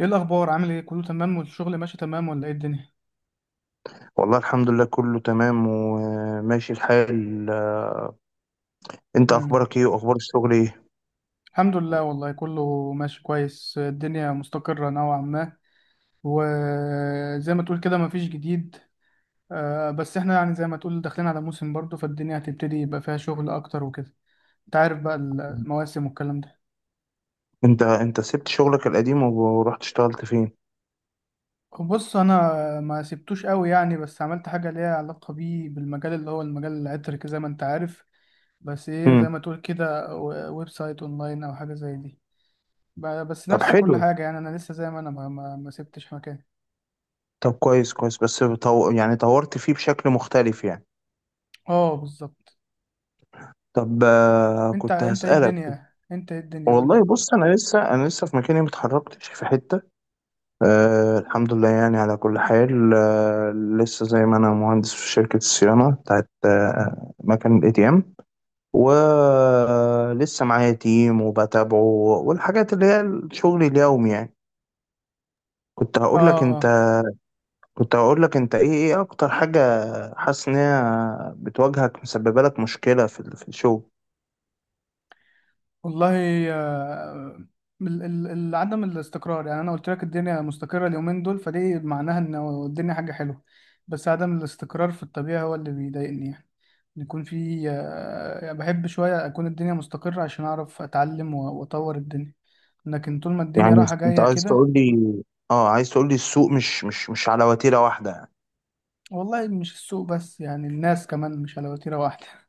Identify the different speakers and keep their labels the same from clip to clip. Speaker 1: ايه الاخبار؟ عامل ايه؟ كله تمام والشغل ماشي تمام ولا ايه الدنيا؟
Speaker 2: والله الحمد لله كله تمام وماشي الحال. انت
Speaker 1: امم
Speaker 2: اخبارك ايه واخبار الشغل ايه؟
Speaker 1: الحمد لله، والله كله ماشي كويس، الدنيا مستقرة نوعا ما. وزي ما تقول كده، مفيش جديد. بس احنا يعني زي ما تقول داخلين على موسم برضه، فالدنيا هتبتدي يبقى فيها شغل اكتر وكده. انت عارف بقى المواسم والكلام ده.
Speaker 2: انت سبت شغلك القديم ورحت اشتغلت فين؟
Speaker 1: بص انا ما سبتوش قوي يعني، بس عملت حاجه ليها علاقه بيه بالمجال اللي هو المجال العطري زي ما انت عارف. بس ايه، زي ما
Speaker 2: امم.
Speaker 1: تقول كده، ويب سايت اونلاين او حاجه زي دي. بس
Speaker 2: طب
Speaker 1: نفس كل
Speaker 2: حلو.
Speaker 1: حاجة، يعني أنا لسه زي ما أنا، ما سبتش مكان.
Speaker 2: طب كويس كويس بس يعني طورت فيه بشكل مختلف يعني.
Speaker 1: اه بالظبط.
Speaker 2: طب كنت هسألك.
Speaker 1: أنت إيه الدنيا، قول
Speaker 2: والله
Speaker 1: لي.
Speaker 2: بص أنا لسه في مكاني متحركتش في حتة. أه الحمد لله يعني على كل حال. لسه زي ما أنا مهندس في شركة الصيانة بتاعت مكان الاي تي ام. ولسه معايا تيم وبتابعه، والحاجات اللي هي الشغل اليومي يعني. كنت
Speaker 1: اه،
Speaker 2: هقول لك أنت
Speaker 1: اه.
Speaker 2: كنت هقول لك أنت، إيه أكتر حاجة حاسس إن هي بتواجهك مسببة لك مشكلة في الشغل؟
Speaker 1: والله، آه، عدم الاستقرار. يعني أنا قلت لك الدنيا مستقرة اليومين دول، فدي معناها إن الدنيا حاجة حلوة، بس عدم الاستقرار في الطبيعة هو اللي بيضايقني يعني. إن يكون في يعني بحب شوية أكون الدنيا مستقرة عشان أعرف أتعلم وأطور الدنيا، لكن طول ما الدنيا
Speaker 2: يعني
Speaker 1: رايحة
Speaker 2: انت
Speaker 1: جاية
Speaker 2: عايز
Speaker 1: كده.
Speaker 2: تقول لي، اه عايز تقول لي السوق مش على وتيرة واحدة يعني؟
Speaker 1: والله مش السوق بس، يعني الناس كمان مش على وتيرة واحدة.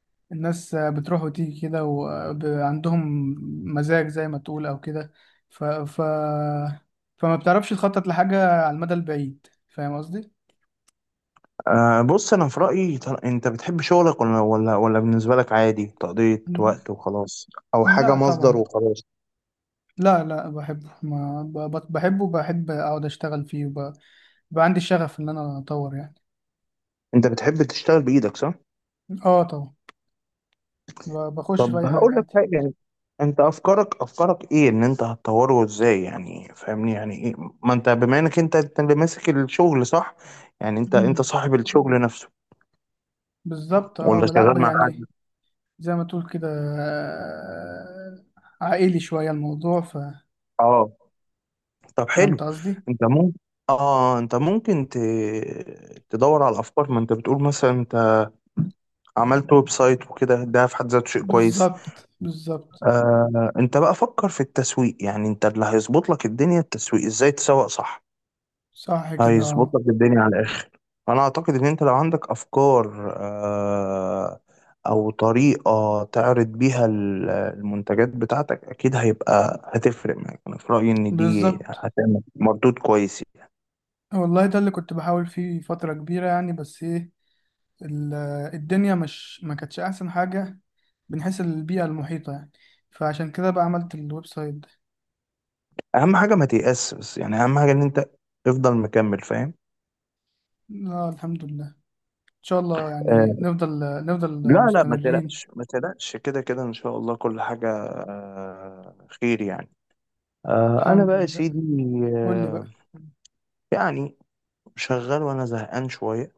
Speaker 1: الناس بتروح وتيجي كده، وعندهم مزاج زي ما تقول أو كده. ف... ف... فما بتعرفش تخطط لحاجة على المدى البعيد. فاهم قصدي؟
Speaker 2: آه بص انا في رأيي، انت بتحب شغلك ولا بالنسبة لك عادي تقضية
Speaker 1: م-
Speaker 2: وقت وخلاص؟ او حاجة
Speaker 1: لا
Speaker 2: مصدر
Speaker 1: طبعا.
Speaker 2: وخلاص؟
Speaker 1: لا، لا، بحبه، ما ب... ب- بحبه وبحب أقعد أشتغل فيه، بقى عندي الشغف إن أنا أطور يعني.
Speaker 2: انت بتحب تشتغل بايدك صح؟
Speaker 1: اه طبعا. بخش في
Speaker 2: طب
Speaker 1: أي حاجة
Speaker 2: هقول لك
Speaker 1: عادي.
Speaker 2: حاجة يعني، انت افكارك ايه ان انت هتطوره ازاي؟ يعني فاهمني يعني ايه؟ ما انت بما انك انت اللي ماسك الشغل صح؟ يعني انت صاحب الشغل نفسه
Speaker 1: بالظبط، اه.
Speaker 2: ولا
Speaker 1: لا
Speaker 2: شغال مع حد؟
Speaker 1: يعني، زي ما تقول كده، آه، عائلي شوية الموضوع.
Speaker 2: اه. طب
Speaker 1: فهمت
Speaker 2: حلو.
Speaker 1: قصدي؟
Speaker 2: انت ممكن، اه انت ممكن تدور على افكار. ما انت بتقول مثلا انت عملت ويب سايت وكده، ده في حد ذاته شيء كويس.
Speaker 1: بالظبط، بالظبط.
Speaker 2: آه انت بقى فكر في التسويق، يعني انت اللي هيظبط لك الدنيا التسويق، ازاي تسوق صح.
Speaker 1: صح كده،
Speaker 2: هيظبط
Speaker 1: اه.
Speaker 2: لك الدنيا على الاخر. انا اعتقد ان انت لو عندك افكار او طريقة تعرض بيها المنتجات بتاعتك، اكيد هيبقى هتفرق معاك، انا في رأيي ان دي
Speaker 1: بالظبط.
Speaker 2: هتعمل مردود كويس يعني.
Speaker 1: والله ده اللي كنت بحاول فيه فترة كبيرة يعني، بس ايه، ال- الدنيا مش، ما كانتش أحسن حاجة من حيث البيئة المحيطة يعني، فعشان كده بقى عملت الويب سايت ده.
Speaker 2: اهم حاجه ما تيأس بس يعني، اهم حاجه ان انت تفضل مكمل فاهم.
Speaker 1: لا الحمد لله، إن شاء الله يعني
Speaker 2: آه.
Speaker 1: نفضل
Speaker 2: لا لا ما
Speaker 1: مستمرين.
Speaker 2: تقلقش ما تقلقش، كده كده ان شاء الله كل حاجه خير يعني. آه انا
Speaker 1: الحمد
Speaker 2: بقى يا
Speaker 1: لله.
Speaker 2: سيدي.
Speaker 1: قول لي
Speaker 2: آه.
Speaker 1: بقى.
Speaker 2: يعني شغال وانا زهقان شويه.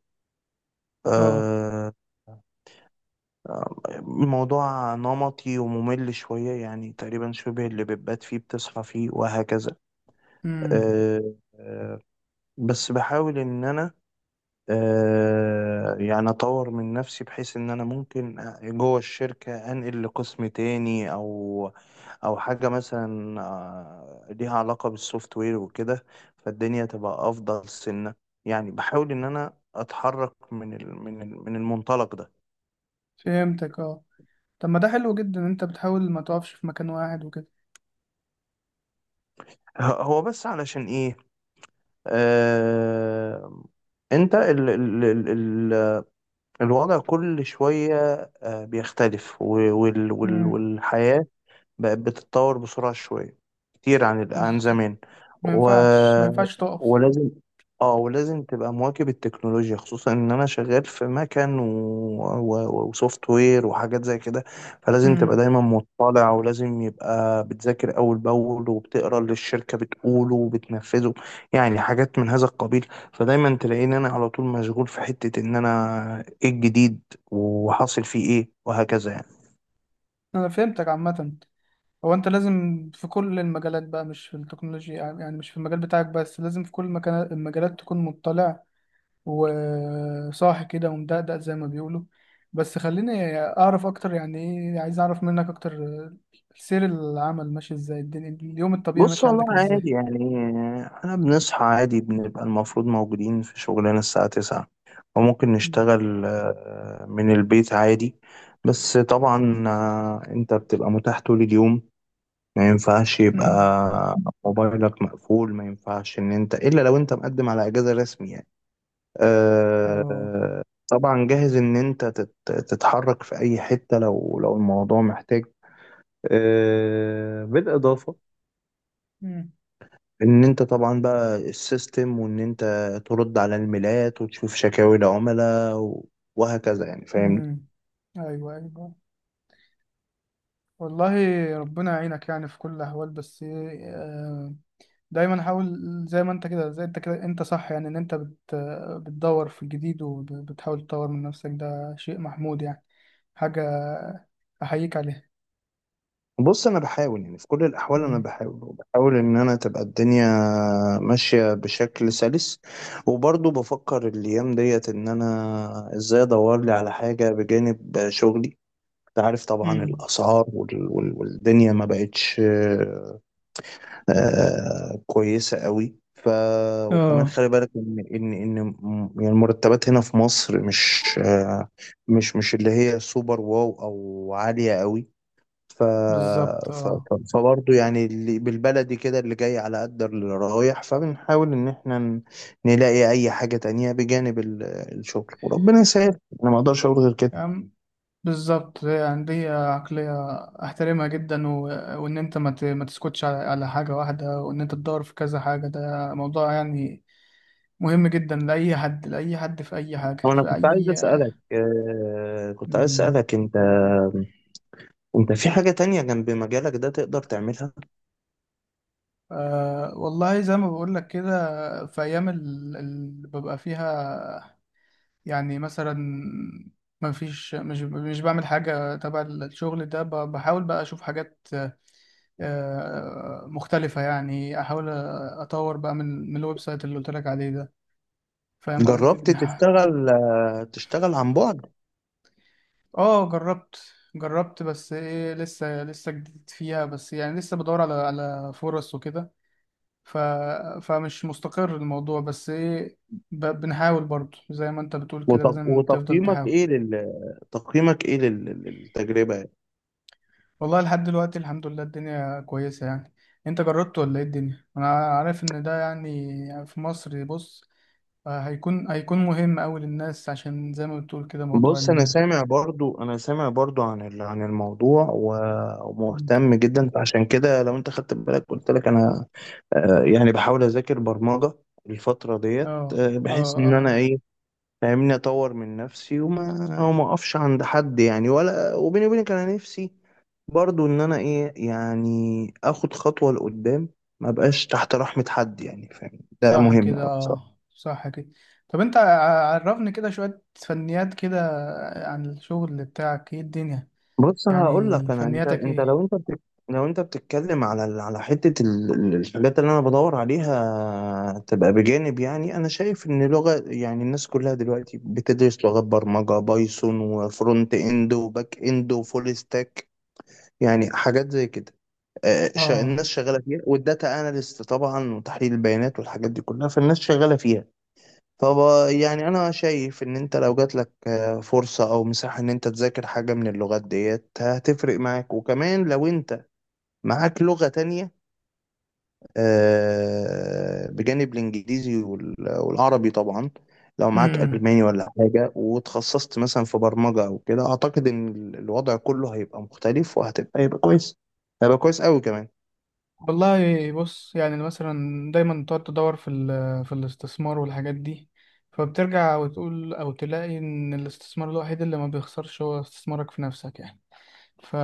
Speaker 1: اه.
Speaker 2: آه. آه، الموضوع نمطي وممل شويه، يعني تقريبا شبه اللي بتبات فيه بتصحى فيه وهكذا.
Speaker 1: امم
Speaker 2: آه، آه. بس بحاول ان انا يعني اطور من نفسي، بحيث ان انا ممكن جوه الشركة انقل لقسم تاني، او او حاجة مثلا ليها علاقة بالسوفت وير وكده، فالدنيا تبقى افضل سنة. يعني بحاول ان انا اتحرك من المنطلق ده.
Speaker 1: فهمتك، اه. طب ما ده حلو جدا إن انت بتحاول ما تقفش في مكان واحد وكده.
Speaker 2: هو بس علشان ايه؟ آه انت ال ال ال ال الوضع كل شوية بيختلف
Speaker 1: امم
Speaker 2: والحياة بقت بتتطور بسرعة شوية كتير عن
Speaker 1: بز...
Speaker 2: زمان.
Speaker 1: ما
Speaker 2: و...
Speaker 1: ينفعش ما ينفعش تقف.
Speaker 2: ولازم، اه ولازم تبقى مواكب التكنولوجيا، خصوصا ان انا شغال في مكن وسوفت وير وحاجات زي كده، فلازم تبقى
Speaker 1: امم
Speaker 2: دايما مطلع، ولازم يبقى بتذاكر اول باول وبتقرا اللي الشركة بتقوله وبتنفذه. يعني حاجات من هذا القبيل. فدايما تلاقيني انا على طول مشغول في حتة ان انا ايه الجديد وحاصل فيه ايه وهكذا يعني.
Speaker 1: انا فهمتك عامة. هو انت لازم في كل المجالات بقى، مش في التكنولوجيا يعني، مش في المجال بتاعك بس، لازم في كل المجالات تكون مطلع وصاحي كده ومدقدق زي ما بيقولوا. بس خليني اعرف اكتر، يعني ايه، عايز اعرف منك اكتر. سير العمل ماشي ازاي؟ الدنيا اليوم الطبيعي
Speaker 2: بص
Speaker 1: ماشي
Speaker 2: والله
Speaker 1: عندك ازاي؟
Speaker 2: عادي يعني، احنا بنصحى عادي، بنبقى المفروض موجودين في شغلنا الساعة 9، وممكن
Speaker 1: امم
Speaker 2: نشتغل من البيت عادي. بس طبعا انت بتبقى متاح طول اليوم، ما ينفعش يبقى
Speaker 1: امم
Speaker 2: موبايلك مقفول، ما ينفعش ان انت الا لو انت مقدم على اجازة رسمي يعني.
Speaker 1: اه
Speaker 2: آه، طبعا جاهز ان انت تتحرك في اي حتة، لو الموضوع محتاج. بالإضافة ان انت طبعا بقى السيستم، وان انت ترد على الميلات وتشوف شكاوي العملاء وهكذا يعني فاهمني.
Speaker 1: امم ايوه، ايوه. والله ربنا يعينك يعني في كل الاحوال، بس إيه، آه، دايما حاول. زي ما انت كده زي انت كده، انت صح يعني، ان انت بتدور في الجديد وبتحاول تطور من نفسك، ده شيء محمود يعني. حاجة احييك عليها.
Speaker 2: بص انا بحاول يعني في كل الاحوال، انا
Speaker 1: امم
Speaker 2: بحاول وبحاول ان انا تبقى الدنيا ماشيه بشكل سلس، وبرضه بفكر الايام ديت ان انا ازاي ادور لي على حاجه بجانب شغلي. انت عارف طبعا
Speaker 1: امم
Speaker 2: الاسعار والدنيا ما بقتش كويسة قوي وكمان
Speaker 1: اه.
Speaker 2: خلي بالك ان يعني المرتبات هنا في مصر مش آه مش مش اللي هي سوبر، واو او عالية قوي. ف
Speaker 1: بالظبط،
Speaker 2: ف
Speaker 1: اه.
Speaker 2: فبرضه يعني اللي بالبلدي كده اللي جاي على قد اللي رايح، فبنحاول ان احنا نلاقي اي حاجة تانية بجانب الشغل، وربنا يسهل، انا ما اقدرش اقول غير كده.
Speaker 1: بالظبط يعني، دي عقلية أحترمها جدا، وإن أنت ما تسكتش على حاجة واحدة، وإن أنت تدور في كذا حاجة، ده موضوع يعني مهم جدا لأي حد، لأي حد في أي حاجة،
Speaker 2: وانا
Speaker 1: في أي
Speaker 2: كنت عايز
Speaker 1: مم.
Speaker 2: اسالك، انت انت في حاجة تانية جنب مجالك ده تقدر تعملها؟
Speaker 1: والله زي ما بقول لك كده، في أيام اللي ببقى فيها يعني مثلا ما فيش، مش بعمل حاجة تبع الشغل ده، بحاول بقى أشوف حاجات مختلفة يعني، أحاول أطور بقى من الويب سايت اللي قلت لك عليه ده. فاهم قصدي
Speaker 2: جربت
Speaker 1: بنها؟
Speaker 2: تشتغل تشتغل عن بعد؟
Speaker 1: اه جربت. جربت، بس ايه لسه جديد فيها، بس يعني لسه بدور على فرص وكده. ف فمش مستقر الموضوع، بس ايه بنحاول برضه زي ما انت بتقول كده، لازم تفضل
Speaker 2: وتقييمك
Speaker 1: تحاول.
Speaker 2: ايه لل تقييمك ايه للتجربة يعني؟
Speaker 1: والله لحد دلوقتي الحمد لله الدنيا كويسة يعني. انت جربت ولا ايه الدنيا؟ انا عارف ان ده يعني في مصر. بص هيكون مهم أوي للناس، عشان زي ما بتقول كده، موضوع
Speaker 2: بص انا سامع برضو عن عن الموضوع ومهتم جدا، فعشان كده لو انت خدت بالك قلت لك انا يعني بحاول اذاكر برمجة الفترة ديت،
Speaker 1: اه،
Speaker 2: بحيث
Speaker 1: اه،
Speaker 2: ان انا
Speaker 1: اه،
Speaker 2: ايه فاهمني، اطور من نفسي وما اقفش عند حد يعني، ولا وبيني وبينك انا نفسي برضو ان انا ايه يعني اخد خطوة لقدام، ما بقاش تحت رحمة حد يعني فاهم، ده
Speaker 1: صح
Speaker 2: مهم
Speaker 1: كده،
Speaker 2: أوي بصراحة.
Speaker 1: اه، صح كده. طب انت عرفني كده شوية فنيات كده عن الشغل بتاعك. ايه الدنيا،
Speaker 2: بص هقول
Speaker 1: يعني
Speaker 2: لك انا، انت
Speaker 1: فنياتك
Speaker 2: انت
Speaker 1: ايه؟
Speaker 2: لو انت لو انت بتتكلم على على حتة الحاجات اللي انا بدور عليها تبقى بجانب، يعني انا شايف ان لغة، يعني الناس كلها دلوقتي بتدرس لغات برمجة، بايثون وفرونت اند وباك اند وفول ستاك، يعني حاجات زي كده.
Speaker 1: اه
Speaker 2: الناس شغاله فيها، والداتا اناليست طبعا، وتحليل البيانات والحاجات دي كلها فالناس شغاله فيها. طب يعني انا شايف ان انت لو جات لك فرصه او مساحه ان انت تذاكر حاجه من اللغات ديت، هتفرق معاك. وكمان لو انت معاك لغه تانية بجانب الانجليزي والعربي طبعا، لو معاك الماني ولا حاجه وتخصصت مثلا في برمجه او كده، اعتقد ان الوضع كله هيبقى مختلف، هيبقى كويس، هيبقى كويس قوي كمان.
Speaker 1: والله بص، يعني مثلا، دايما بتقعد تدور في في الاستثمار والحاجات دي، فبترجع وتقول او تلاقي ان الاستثمار الوحيد اللي ما بيخسرش هو استثمارك في نفسك يعني. ف...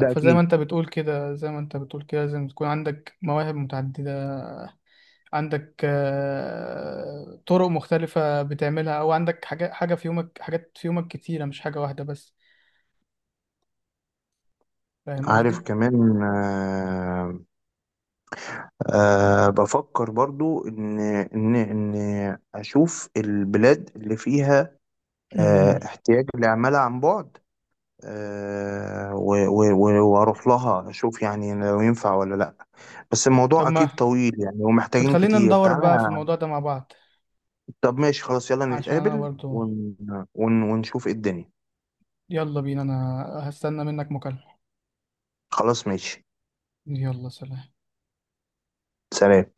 Speaker 2: ده
Speaker 1: فزي ما
Speaker 2: اكيد.
Speaker 1: انت بتقول كده زي ما انت بتقول كده لازم تكون عندك مواهب متعددة، عندك طرق مختلفة بتعملها، او عندك حاجة حاجة في يومك حاجات في يومك كتيرة، مش حاجة واحدة بس. فاهم
Speaker 2: عارف
Speaker 1: قصدي؟
Speaker 2: كمان بفكر برضو إن أشوف البلاد اللي فيها
Speaker 1: امم
Speaker 2: احتياج لعمالة عن بعد، وأروح لها أشوف يعني لو ينفع ولا لأ. بس
Speaker 1: طب
Speaker 2: الموضوع أكيد
Speaker 1: ما
Speaker 2: طويل يعني، ومحتاجين
Speaker 1: بتخلينا
Speaker 2: كتير
Speaker 1: ندور
Speaker 2: تعالى.
Speaker 1: بقى في الموضوع ده مع بعض،
Speaker 2: طب ماشي خلاص، يلا
Speaker 1: عشان انا
Speaker 2: نتقابل
Speaker 1: برضو.
Speaker 2: ونشوف إيه الدنيا.
Speaker 1: يلا بينا، انا هستنى منك مكالمة.
Speaker 2: خلاص ماشي.
Speaker 1: يلا سلام.
Speaker 2: سلام.